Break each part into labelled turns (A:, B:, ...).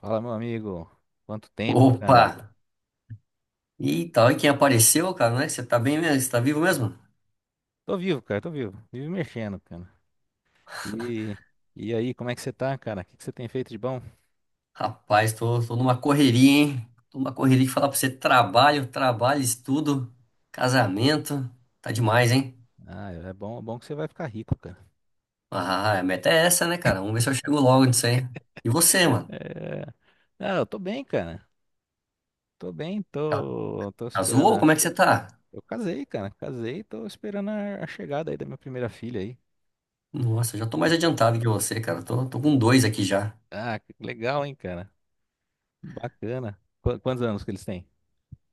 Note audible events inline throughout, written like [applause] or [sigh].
A: Fala, meu amigo. Quanto tempo,
B: Opa!
A: cara?
B: Eita, olha quem apareceu, cara, né? Você tá bem mesmo? Você tá vivo mesmo?
A: Tô vivo, cara, tô vivo. Vivo mexendo, cara. E, e aí, como é que você tá, cara? O que que você tem feito de bom?
B: Rapaz, tô numa correria, hein? Tô numa correria que falar pra você trabalho, trabalho, estudo, casamento. Tá demais, hein?
A: Ah, é bom que você vai ficar rico, cara.
B: Ah, a meta é essa, né, cara? Vamos ver se eu chego logo nisso aí. E você,
A: [laughs]
B: mano?
A: É... Ah, eu tô bem, cara. Tô bem,
B: Ca-
A: tô
B: Casou?
A: esperando
B: Ou
A: a...
B: como é que você tá?
A: Eu casei, cara. Casei, tô esperando a chegada aí da minha primeira filha aí.
B: Nossa, eu já tô mais adiantado que você, cara. Tô com dois aqui já.
A: Ah, que legal, hein, cara. Bacana. Quantos anos que eles têm?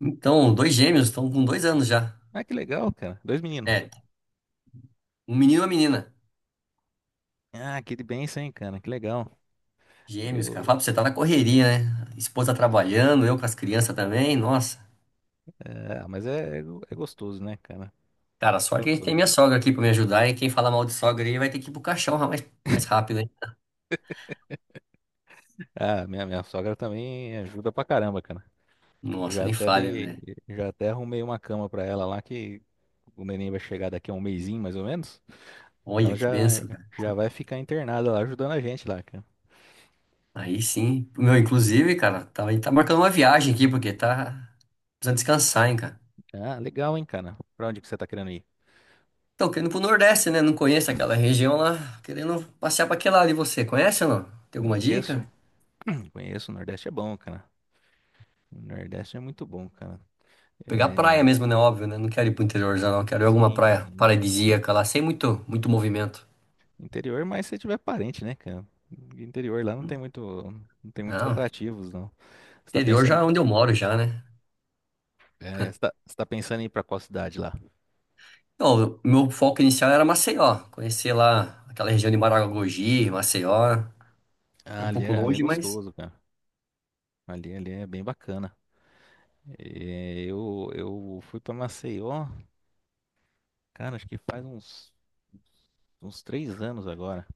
B: Então, dois gêmeos, estão com dois anos já.
A: Ah, que legal, cara. Dois meninos.
B: É, um menino e uma menina.
A: Ah, que bênção, hein, cara. Que legal.
B: Gêmeos, cara.
A: Eu
B: Fala pra você, tá na correria, né? Esposa trabalhando, eu com as crianças também. Nossa.
A: É, mas é gostoso, né, cara?
B: Cara,
A: É
B: sorte é que a gente tem
A: gostoso.
B: minha sogra aqui pra me ajudar. E quem fala mal de sogra aí vai ter que ir pro caixão mais, mais rápido, hein?
A: Ah, minha sogra também ajuda pra caramba, cara.
B: Nossa,
A: Já
B: nem
A: até
B: falha,
A: dei,
B: velho.
A: já até arrumei uma cama pra ela lá que o neném vai chegar daqui a um mesinho, mais ou menos. Ela
B: Olha
A: já,
B: que benção, cara.
A: já vai ficar internada lá ajudando a gente lá, cara.
B: Aí sim. Meu, inclusive, cara, tá, a gente tá marcando uma viagem aqui, porque tá precisando descansar, hein, cara.
A: Ah, legal, hein, cara? Pra onde que você tá querendo ir?
B: Tô querendo ir pro Nordeste, né? Não conheço aquela região lá. Querendo passear pra aquele lado. E você, conhece ou não? Tem alguma dica?
A: Conheço, [clears throat] conheço, o Nordeste é bom, cara. O Nordeste é muito bom, cara.
B: Pegar
A: É,
B: praia mesmo, né? Óbvio, né? Não quero ir pro interior já, não. Quero ir alguma
A: sim,
B: praia
A: sim.
B: paradisíaca lá, sem muito, muito movimento.
A: Interior, mas se tiver parente, né, cara? Interior lá não tem muito, não tem muitos
B: Não,
A: atrativos, não. Você tá
B: interior já
A: pensando,
B: é onde eu moro já, né?
A: é, você tá, pensando em ir pra qual cidade lá?
B: Não, o meu foco inicial era Maceió. Conhecer lá aquela região de Maragogi, Maceió. É,
A: Ah,
B: um
A: ali
B: pouco
A: é, ali é
B: longe, mas
A: gostoso, cara. Ali é bem bacana. É, eu fui pra Maceió, cara, acho que faz uns 3 anos agora.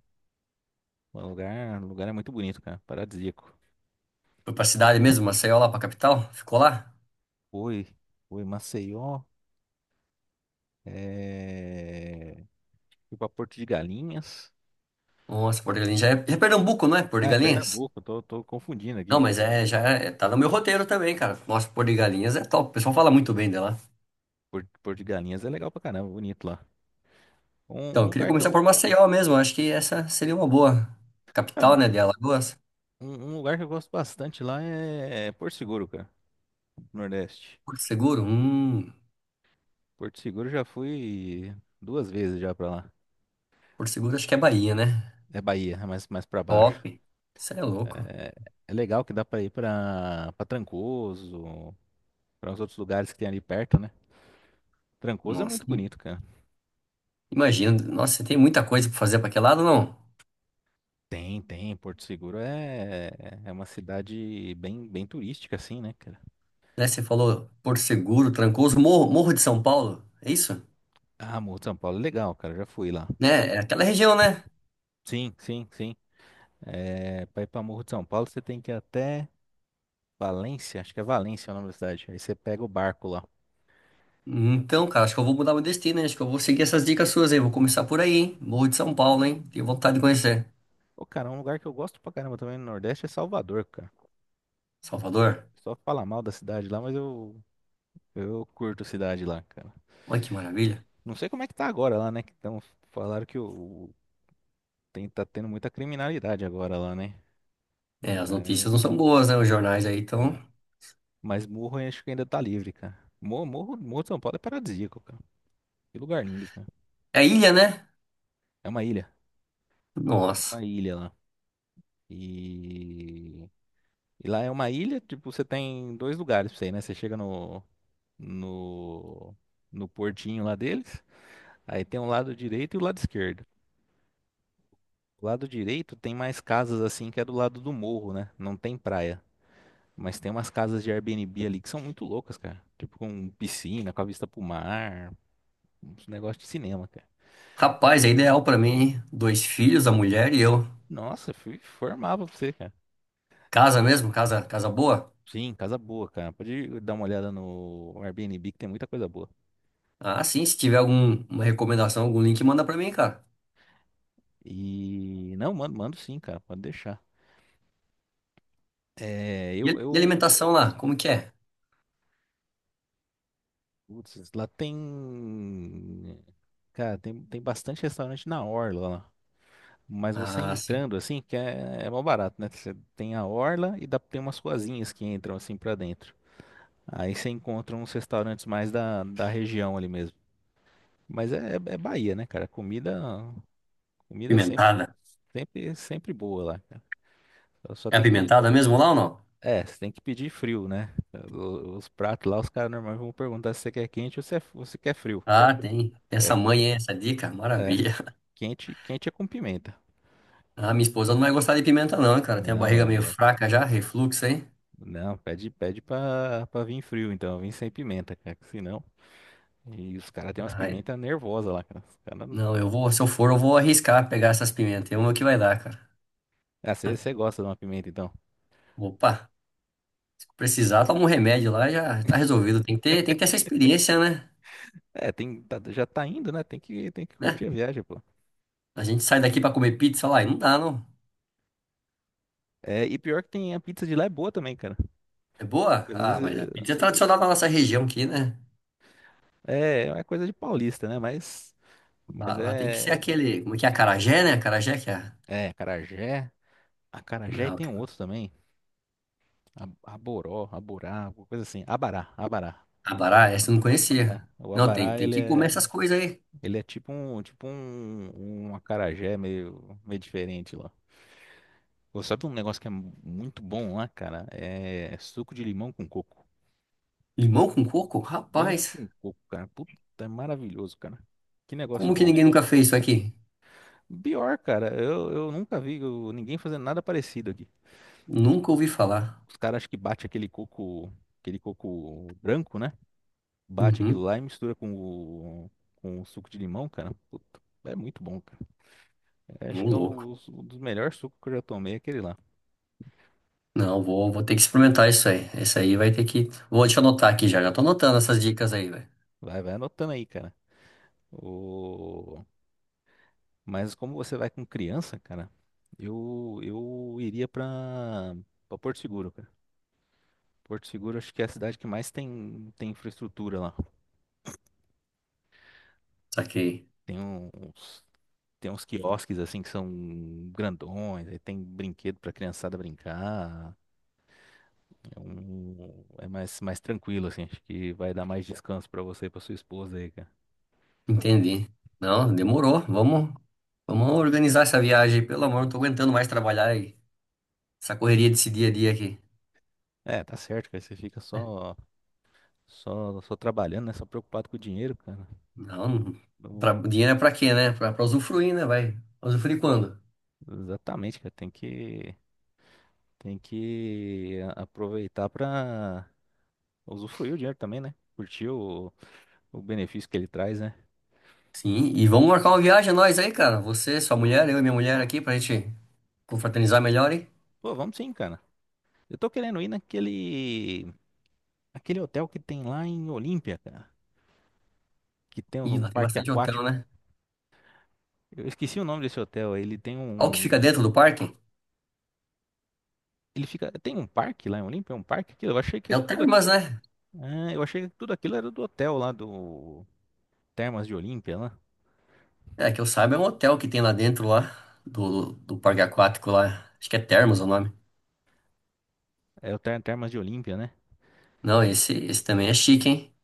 A: O lugar é muito bonito, cara. Paradisíaco.
B: foi pra cidade mesmo, Maceió lá pra capital. Ficou lá.
A: Fui, fui Maceió, é, fui pra Porto de Galinhas.
B: Nossa, Porto de Galinhas já é Pernambuco, não é? Porto
A: Ah,
B: de
A: é
B: Galinhas?
A: Pernambuco, eu tô confundindo
B: Não,
A: aqui,
B: mas
A: cara.
B: é, já é, tá no meu roteiro também, cara. Nossa, Porto de Galinhas é top. O pessoal fala muito bem dela.
A: Porto de Galinhas é legal pra caramba, bonito lá. Um,
B: Então,
A: um
B: eu queria
A: lugar que
B: começar por
A: eu,
B: Maceió mesmo. Acho que essa seria uma boa
A: é
B: capital, né, de Alagoas.
A: Um, um lugar que eu gosto bastante lá é Porto Seguro, cara, Nordeste.
B: Porto Seguro?
A: Porto Seguro já fui 2 vezes já pra lá.
B: Porto Seguro acho que é Bahia, né?
A: É Bahia, é mais pra baixo.
B: Top. Isso é louco.
A: É, é, legal que dá pra ir pra Trancoso, pra uns outros lugares que tem ali perto, né? Trancoso é
B: Nossa,
A: muito bonito, cara.
B: imagina. Nossa, você tem muita coisa pra fazer pra aquele lado, não?
A: Tem. Porto Seguro é uma cidade bem, bem turística, assim, né, cara?
B: Né, você falou Porto Seguro, Trancoso, Morro de São Paulo. É isso?
A: Ah, Morro de São Paulo é legal, cara, já fui lá.
B: Né? É aquela região, né?
A: Sim, sim, sim. É, pra ir pra Morro de São Paulo você tem que ir até. Valência, acho que é Valência o nome da cidade. Aí você pega o barco lá.
B: Então, cara, acho que eu vou mudar meu destino, hein? Acho que eu vou seguir essas dicas suas aí. Vou começar por aí, hein? Morro de São Paulo, hein? Tenho vontade de conhecer.
A: Ô, cara, é um lugar que eu gosto pra caramba também no Nordeste é Salvador, cara.
B: Salvador?
A: Só fala mal da cidade lá, mas eu curto a cidade lá, cara.
B: Olha que maravilha.
A: Não sei como é que tá agora lá, né? Que tão, falaram que o- tem, tá tendo muita criminalidade agora lá, né?
B: É, as notícias
A: Mas,
B: não são boas, né? Os jornais aí estão.
A: é. Mas Morro eu acho que ainda tá livre, cara. Morro de São Paulo é paradisíaco, cara. Que lugar lindo, cara.
B: É a ilha, né?
A: É uma ilha.
B: Nossa.
A: Uma ilha lá. E E lá é uma ilha, tipo, você tem dois lugares pra você ir, né? Você chega no, no portinho lá deles, aí tem o lado direito e o lado esquerdo. O lado direito tem mais casas assim que é do lado do morro, né? Não tem praia. Mas tem umas casas de Airbnb ali que são muito loucas, cara. Tipo, com piscina, com a vista pro mar, uns negócios de cinema, cara.
B: Rapaz, é ideal pra mim, hein? Dois filhos, a mulher e eu.
A: Nossa, fui, formava pra você, cara.
B: Casa mesmo? Casa, casa boa?
A: Sim, casa boa, cara. Pode dar uma olhada no Airbnb que tem muita coisa boa.
B: Ah, sim. Se tiver alguma recomendação, algum link, manda pra mim, cara.
A: E não, mando sim, cara. Pode deixar. É,
B: E a- e alimentação lá, como que é?
A: lá tem, cara, tem bastante restaurante na orla lá. Mas você
B: Ah, sim.
A: entrando assim, que é, é mó barato, né? Você tem a orla e dá, tem umas ruazinhas que entram assim pra dentro. Aí você encontra uns restaurantes mais da, da região ali mesmo. Mas é, é é Bahia, né, cara? Comida é sempre,
B: Pimentada.
A: sempre, sempre boa lá, cara. Só
B: É
A: tem que pedir.
B: apimentada mesmo lá ou não?
A: É, você tem que pedir frio, né? O- Os pratos lá, os caras normalmente vão perguntar se você quer quente ou se, é- ou se quer frio.
B: Ah, tem.
A: É,
B: Essa mãe, hein? Essa dica,
A: é.
B: maravilha. [laughs]
A: Quente, quente é com pimenta.
B: Ah, minha esposa não vai gostar de pimenta, não, cara. Tem a
A: Não,
B: barriga meio
A: é.
B: fraca já, refluxo, hein?
A: Não, pede pra vir frio, então. Vim sem pimenta, cara, que senão. E os caras têm umas
B: Ai,
A: pimentas nervosas lá, cara. Os cara...
B: não, eu vou, se eu for, eu vou arriscar pegar essas pimentas. Vamos ver o que vai dar, cara.
A: Ah,
B: [laughs]
A: você gosta de uma pimenta, então.
B: Opa. Se precisar, toma um remédio lá, já tá resolvido. Tem que ter essa experiência, né?
A: É, tem, já tá indo, né? Tem que curtir
B: Né?
A: a viagem, pô.
B: A gente sai daqui pra comer pizza lá e não dá, não.
A: É, e pior que tem a pizza de lá é boa também, cara.
B: É boa?
A: Às
B: Ah, mas a
A: vezes
B: pizza é tradicional da nossa região aqui, né?
A: é uma coisa de paulista, né? Mas,
B: Lá,
A: mas
B: lá tem que ser
A: é.
B: aquele, como é que é? Acarajé, né? Acarajé que é.
A: É, acarajé. Acarajé e
B: Não,
A: tem um
B: cara.
A: outro também. Aboró, aborá, alguma coisa assim. Abará, abará.
B: Abará, essa eu não
A: É,
B: conhecia.
A: o
B: Não, tem,
A: abará,
B: tem
A: ele
B: que comer
A: é.
B: essas coisas aí.
A: Ele é tipo um acarajé meio, meio diferente lá. Pô, sabe um negócio que é muito bom lá, cara? É suco de limão com coco.
B: Limão com coco?
A: Limão
B: Rapaz,
A: com coco, cara. Puta, é maravilhoso, cara. Que negócio
B: como que
A: bom.
B: ninguém nunca fez isso aqui?
A: Pior, cara, eu nunca vi ninguém fazendo nada parecido aqui.
B: Nunca ouvi falar.
A: Os caras acham que bate aquele coco branco, né? Bate aquilo
B: Uhum,
A: lá e mistura com o suco de limão, cara. Puta, é muito bom, cara.
B: um
A: Acho que é
B: louco.
A: um dos melhores sucos que eu já tomei, é aquele lá.
B: Não, vou, vou ter que experimentar isso aí. Isso aí vai ter que. Vou te anotar aqui já. Já tô anotando essas dicas aí, velho.
A: Vai anotando aí, cara. O... Mas como você vai com criança, cara, eu iria pra Porto Seguro, cara. Porto Seguro acho que é a cidade que mais tem, tem infraestrutura lá.
B: Saquei.
A: Tem uns, tem uns quiosques assim que são grandões, aí tem brinquedo pra criançada brincar. É, um, é mais, mais tranquilo, assim. Acho que vai dar mais descanso pra você e pra sua esposa aí, cara.
B: Entendi. Não, demorou. Vamos, vamos organizar essa viagem. Pelo amor, não tô aguentando mais trabalhar e essa correria desse dia a dia aqui.
A: É, tá certo, cara. Você fica só trabalhando, né? Só preocupado com o dinheiro, cara.
B: Não, pra,
A: Não,
B: dinheiro é pra quê, né? Pra, pra usufruir, né? Vai. Usufruir quando?
A: exatamente, cara. Tem que aproveitar pra usufruir o dinheiro também, né? Curtir o benefício que ele traz, né?
B: Sim, e vamos marcar uma viagem nós aí, cara. Você, sua mulher, eu e minha mulher aqui pra gente confraternizar melhor, hein?
A: Pô, vamos sim, cara. Eu tô querendo ir aquele hotel que tem lá em Olímpia, cara. Que tem um,
B: Ih,
A: um
B: lá tem
A: parque
B: bastante hotel,
A: aquático.
B: né?
A: Eu esqueci o nome desse hotel.
B: Olha o que fica dentro do parque.
A: Ele fica, tem um parque lá em Olímpia, é um parque aquilo. Eu achei que
B: É o
A: tudo,
B: Termas, né?
A: eu achei que tudo aquilo era do hotel lá do Termas de Olímpia, lá.
B: É, que eu saiba, é um hotel que tem lá dentro lá, do parque aquático lá. Acho que é Termas o nome.
A: É o Termas de Olímpia, né?
B: Não, esse também é chique, hein?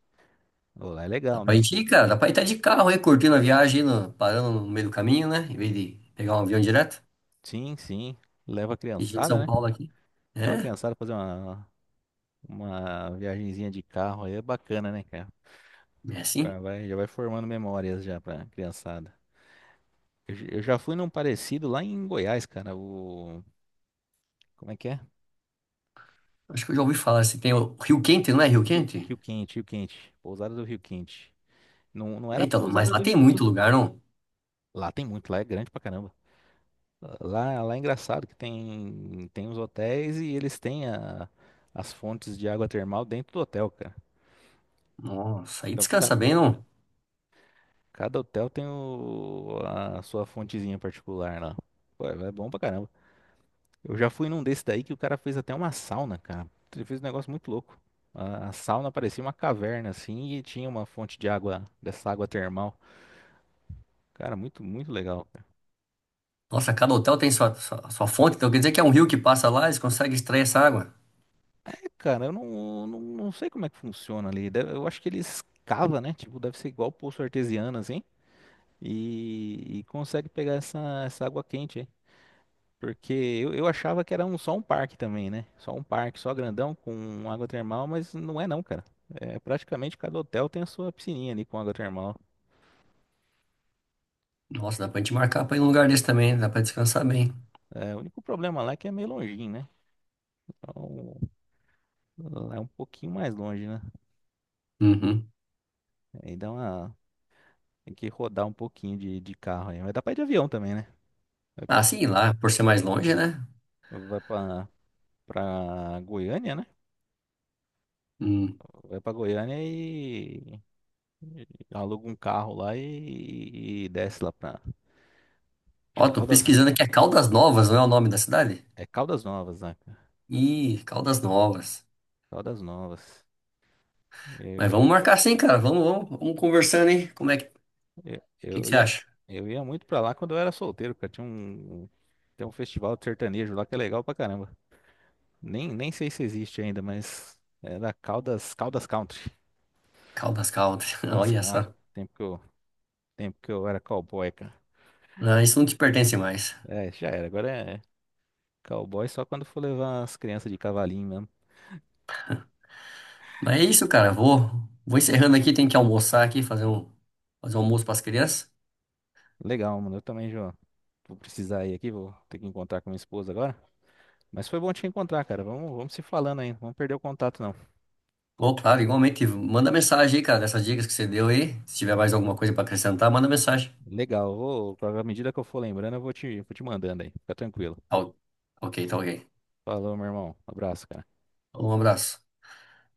A: Pô, lá é
B: Dá
A: legal,
B: pra gente ir, cara. Dá pra ir até de carro aí, curtindo a viagem, aí no- parando no meio do caminho, né? Em vez de pegar um avião direto.
A: Sim, sim. Leva a
B: E gente de
A: criançada,
B: São
A: né?
B: Paulo aqui.
A: Leva a
B: É,
A: criançada pra fazer uma viagenzinha de carro aí, é bacana, né, cara?
B: é assim.
A: Já vai formando memórias já pra criançada. Eu já fui num parecido lá em Goiás, cara. O. Como é que é?
B: Acho que eu já ouvi falar. Se tem o Rio Quente, não é Rio Quente?
A: Rio Quente, Rio Quente. Pousada do Rio Quente. Não, não
B: É.
A: era
B: Então, mas
A: pousada
B: lá
A: do
B: tem
A: Rio
B: muito
A: Quente.
B: lugar, não?
A: Lá tem muito, lá é grande pra caramba. Lá é engraçado que tem, tem os hotéis e eles têm as fontes de água termal dentro do hotel, cara.
B: Nossa, aí
A: Então,
B: descansa bem, não?
A: Cada hotel tem a sua fontezinha particular lá. Pô, é bom pra caramba. Eu já fui num desse daí que o cara fez até uma sauna, cara. Ele fez um negócio muito louco. A sauna parecia uma caverna, assim, e tinha uma fonte de água, dessa água termal. Cara, muito, muito legal. É,
B: Nossa, cada hotel tem sua fonte. Então quer dizer que é um rio que passa lá, eles conseguem extrair essa água.
A: cara, eu não sei como é que funciona ali. Deve- eu acho que eles cavam, né? Tipo, deve ser igual poço artesiano, assim. E consegue pegar essa água quente, hein? Porque eu achava que era só um parque também, né? Só um parque, só grandão, com água termal, mas não é não, cara. É, praticamente cada hotel tem a sua piscininha ali com água termal.
B: Nossa, dá pra gente marcar pra ir num lugar desse também. Dá pra descansar bem.
A: É, o único problema lá é que é meio longinho, né? Então, lá é um pouquinho mais longe, né?
B: Uhum.
A: Aí dá uma... Tem que rodar um pouquinho de carro aí. Mas dá pra ir de avião também, né? Vai
B: Ah,
A: pra,
B: sim, lá, por ser mais longe, né?
A: vai pra Goiânia, né?
B: Hum.
A: Vai pra Goiânia e aluga um carro lá e desce lá pra... Acho
B: Ó,
A: que é
B: tô
A: Caldas...
B: pesquisando aqui. É Caldas Novas, não é o nome da cidade?
A: É Caldas Novas, né?
B: Ih, Caldas Novas.
A: Caldas Novas.
B: Mas
A: Eu,
B: vamos marcar sim, cara. Vamos conversando, hein? Como é que,
A: eu,
B: que
A: eu
B: você
A: ia,
B: acha?
A: eu ia muito pra lá quando eu era solteiro, cara. Tem um festival de sertanejo lá que é legal pra caramba. Nem sei se existe ainda, mas era Caldas, Caldas Country.
B: Caldas, Caldas. [laughs]
A: Caldas,
B: Olha
A: ah,
B: só.
A: tempo que eu, tempo que eu era cowboy, cara.
B: Não, isso não te pertence mais.
A: É, já era. Agora é cowboy só quando for levar as crianças de cavalinho mesmo.
B: Mas é isso, cara. Vou encerrando aqui. Tem que almoçar aqui, fazer um almoço para as crianças.
A: Legal, mano. Eu também já vou precisar ir aqui, vou ter que encontrar com minha esposa agora. Mas foi bom te encontrar, cara. Vamos se falando aí. Não vamos perder o contato, não.
B: Ô, claro, igualmente. Manda mensagem aí, cara, dessas dicas que você deu aí. Se tiver mais alguma coisa para acrescentar, manda mensagem.
A: Legal, vou, à medida que eu for lembrando, eu vou te mandando aí. Fica tranquilo.
B: Tá ok, tá ok.
A: Falou, meu irmão. Abraço, cara.
B: Então, um abraço.